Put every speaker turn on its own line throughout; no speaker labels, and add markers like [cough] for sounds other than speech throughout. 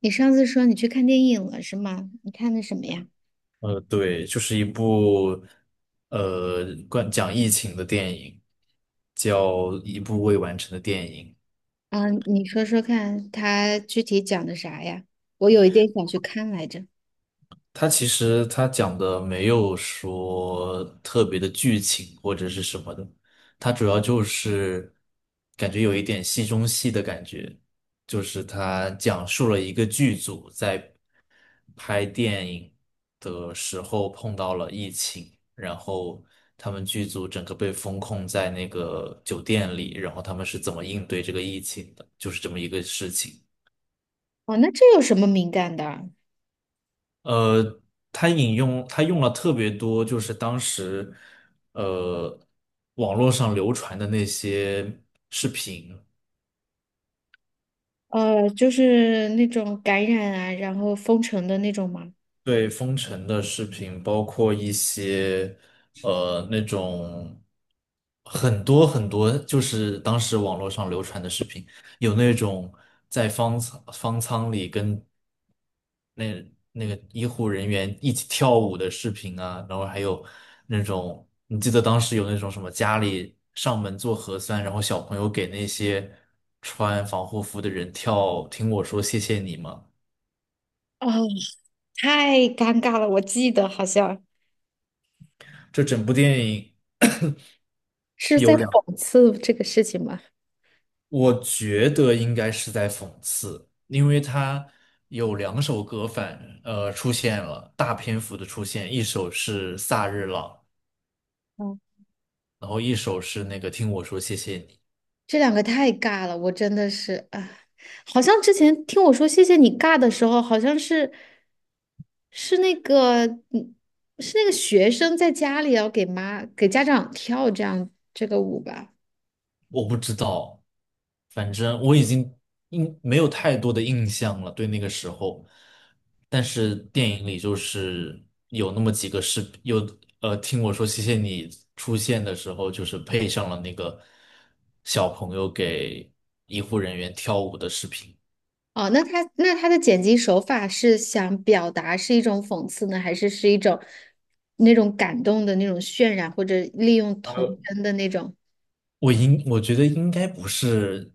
你上次说你去看电影了是吗？你看的什么呀？
对，就是一部讲疫情的电影，叫一部未完成的电影。
啊，你说说看，它具体讲的啥呀？我有一点想去看来着。
它其实讲的没有说特别的剧情或者是什么的，它主要就是感觉有一点戏中戏的感觉，就是它讲述了一个剧组在拍电影的时候碰到了疫情，然后他们剧组整个被封控在那个酒店里，然后他们是怎么应对这个疫情的，就是这么一个事情。
哦，那这有什么敏感的？
呃，他用了特别多，就是当时呃网络上流传的那些。视频。
就是那种感染啊，然后封城的那种吗？
对，封城的视频，包括一些呃那种很多很多，就是当时网络上流传的视频，有那种在方舱里跟那个医护人员一起跳舞的视频啊，然后还有那种你记得当时有那种什么家里上门做核酸，然后小朋友给那些穿防护服的人跳，听我说谢谢你吗？
哦，太尴尬了，我记得好像
这整部电影
是
[coughs]
在
有。两。
讽刺这个事情吧。
我觉得应该是在讽刺，因为他有两首歌出现了，大篇幅的出现，一首是《萨日朗》，然后一首是那个《听我说谢谢你》。
这两个太尬了，我真的是啊，好像之前听我说谢谢你尬的时候，好像是是那个嗯是那个学生在家里要给妈给家长跳这样这个舞吧？
我不知道，反正我已经没有太多的印象了，对那个时候。但是电影里就是有那么几个视频，有听我说谢谢你出现的时候，就是配上了那个小朋友给医护人员跳舞的视频。
哦，那他的剪辑手法是想表达是一种讽刺呢，还是是一种那种感动的那种渲染，或者利用童
呃，
真的那种
我觉得应该不是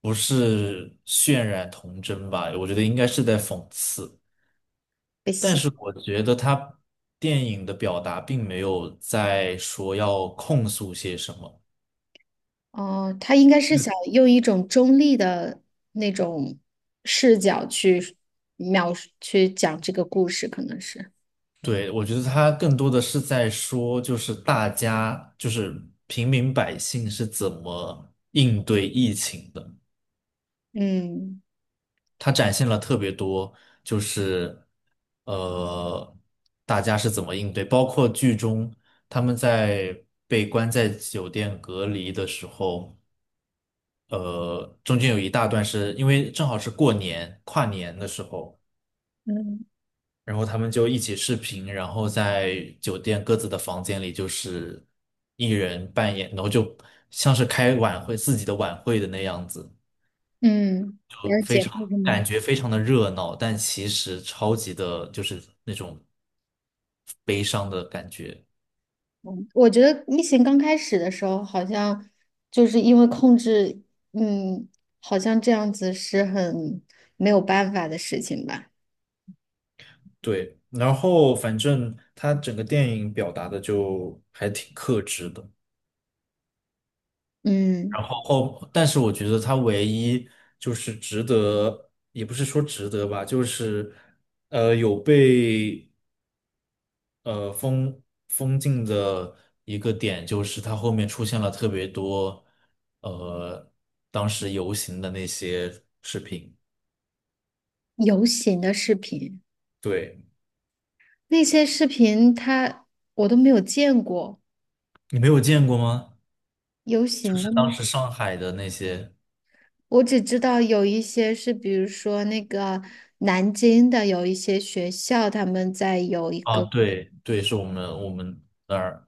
渲染童真吧，我觉得应该是在讽刺。
被
但
洗？
是我觉得他电影的表达并没有在说要控诉些什么，
哦，他应该是想用一种中立的那种视角去描述、去讲这个故事，可能是。
对，我觉得他更多的是在说，就是大家，就是平民百姓是怎么应对疫情的。
嗯
他展现了特别多，就是呃，大家是怎么应对，包括剧中他们在被关在酒店隔离的时候。呃，中间有一大段是因为正好是过年跨年的时候，
嗯。
然后他们就一起视频，然后在酒店各自的房间里，就是一人扮演，然后就像是开晚会自己的晚会的那样子，
嗯，
就
了
非
解。
常
嗯，
感觉非常的热闹，但其实超级的就是那种悲伤的感觉。
嗯，我觉得疫情刚开始的时候，好像就是因为控制。嗯。好像这样子是很没有办法的事情吧。
对，然后反正他整个电影表达的就还挺克制的。
嗯，
然后后，但是我觉得他唯一就是值得，也不是说值得吧，就是有被呃封封禁的一个点，就是他后面出现了特别多呃当时游行的那些视频，
游行的视频，
对，
那些视频他我都没有见过，
你没有见过吗？
游
就
行的
是当
吗？
时上海的那些。
我只知道有一些是，比如说那个南京的有一些学校，他们在有一
啊，
个。
对,是我们那儿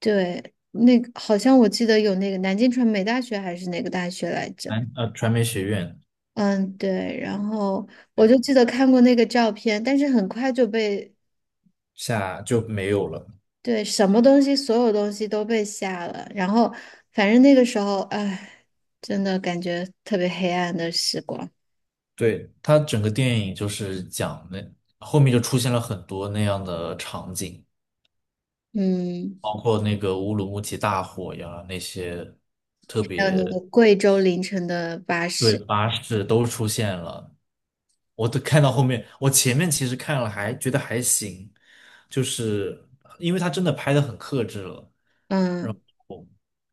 对，那个好像我记得有那个南京传媒大学还是哪个大学来着？
传媒学院。
嗯，对，然后我就
对，
记得看过那个照片，但是很快就被。
下就没有了。
对，什么东西，所有东西都被下了，然后反正那个时候，哎，真的感觉特别黑暗的时光。
对，它整个电影就是讲那后面就出现了很多那样的场景，
嗯，
包括那个乌鲁木齐大火呀，那些特
还有那个
别。
贵州凌晨的巴
对，
士。
巴士都出现了。我都看到后面，我前面其实看了还觉得还行，就是因为它真的拍的很克制了，然
嗯。
后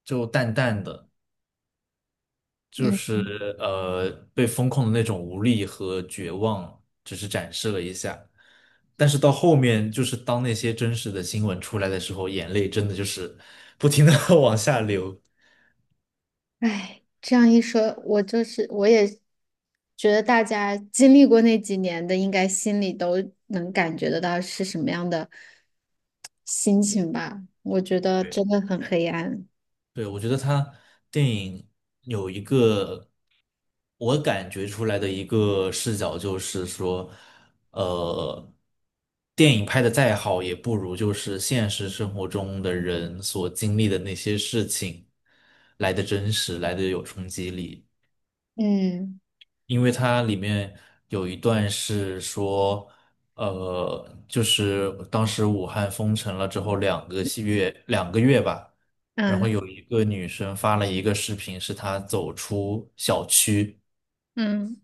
就淡淡的。就
嗯
是被封控的那种无力和绝望，只是展示了一下。但是到后面，就是当那些真实的新闻出来的时候，眼泪真的就是不停的 [laughs] 往下流。
哎，这样一说，我就是我也觉得大家经历过那几年的，应该心里都能感觉得到是什么样的心情吧。我觉得
对。
真的很黑暗。
对，我觉得他电影有一个我感觉出来的一个视角，就是说，呃，电影拍的再好，也不如就是现实生活中的人所经历的那些事情来的真实，来的有冲击力。
嗯。
因为它里面有一段是说，就是当时武汉封城了之后两个月吧，然后
嗯。
有一个女生发了一个视频，是她走出小区，
嗯。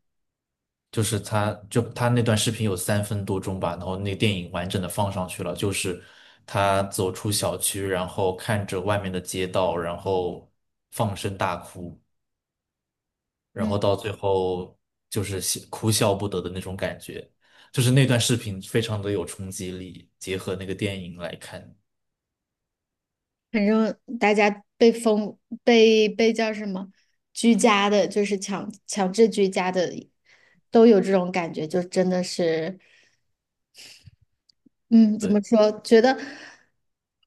就是她那段视频有三分多钟吧，然后那电影完整的放上去了，就是她走出小区，然后看着外面的街道，然后放声大哭。然
嗯，
后到最后就是笑哭笑不得的那种感觉，就是那段视频非常的有冲击力，结合那个电影来看，
反正大家被封被叫什么居家的，就是强制居家的，都有这种感觉，就真的是。嗯，怎么
对，
说？觉得。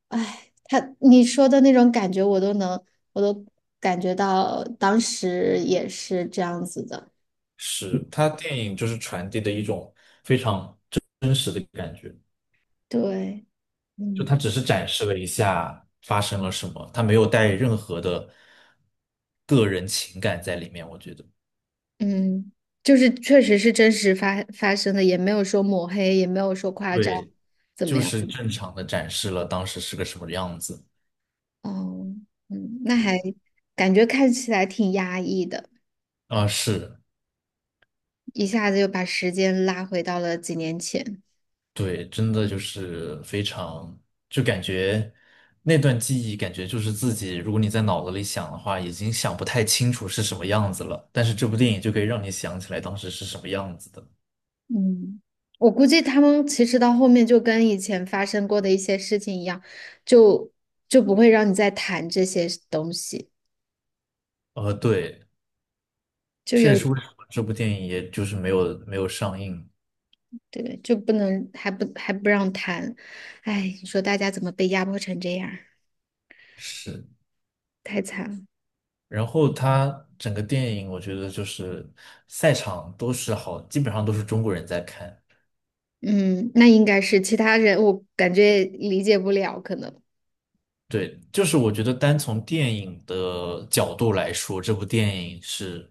哎，他你说的那种感觉，我都能，我都感觉到当时也是这样子的。
是它电影就是传递的一种非常真实的感觉，
对。
就
嗯。
它只是展示了一下发生了什么，它没有带任何的个人情感在里面，我觉得，
嗯，就是确实是真实发生的，也没有说抹黑，也没有说夸张，
对，
怎么
就
样？
是正常的展示了当时是个什么样子，
哦。嗯，那
对，
还感觉看起来挺压抑的，
啊，是。
一下子又把时间拉回到了几年前。
对，真的就是非常，就感觉那段记忆，感觉就是自己，如果你在脑子里想的话，已经想不太清楚是什么样子了。但是这部电影就可以让你想起来当时是什么样子的。
嗯，我估计他们其实到后面就跟以前发生过的一些事情一样，就就不会让你再谈这些东西，
对，
就
这也
有。
是为什么这部电影也就是没有上映。
对，就不能还不让谈，哎，你说大家怎么被压迫成这样儿
是，
太惨了。
然后它整个电影，我觉得就是赛场都是好，基本上都是中国人在看。
嗯，那应该是其他人，我感觉理解不了，可能。
对，就是我觉得单从电影的角度来说，这部电影是，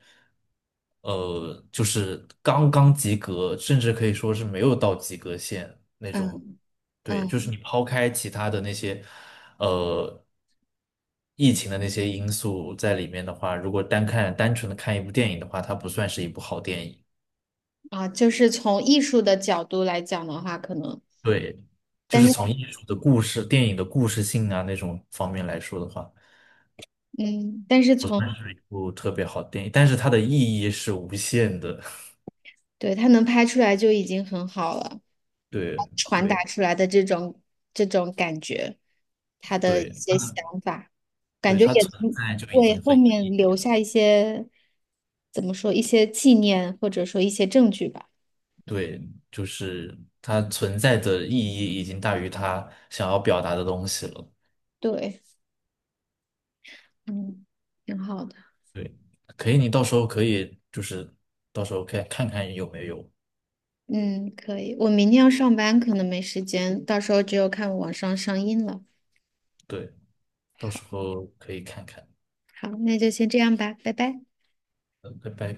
就是刚刚及格，甚至可以说是没有到及格线。
嗯。
对，就是
嗯。
你抛开其他的那些，呃，疫情的那些因素在里面的话，如果单看单纯的看一部电影的话，它不算是一部好电影。
啊，就是从艺术的角度来讲的话，可能。
对，就
但
是
是
从艺术的故事、电影的故事性啊那种方面来说的话。
嗯，但是从
不特别好的电影，但是它的意义是无限的。
对，他能拍出来就已经很好了，
对
传达
对
出来的这种这种感觉，他的一
对
些想法，感
对，
觉
它
也
存
能
在就已
为
经
后
很有
面
意义
留
了。
下一些，怎么说，一些纪念或者说一些证据吧。
对，就是它存在的意义已经大于它想要表达的东西了。
对。嗯，挺好的。
对，可以，你到时候可以就是到时候可以看看有没有，
嗯，可以。我明天要上班，可能没时间，到时候只有看网上上映了。
对，到
好。
时候可以看看。
好，那就先这样吧，拜拜。
拜拜。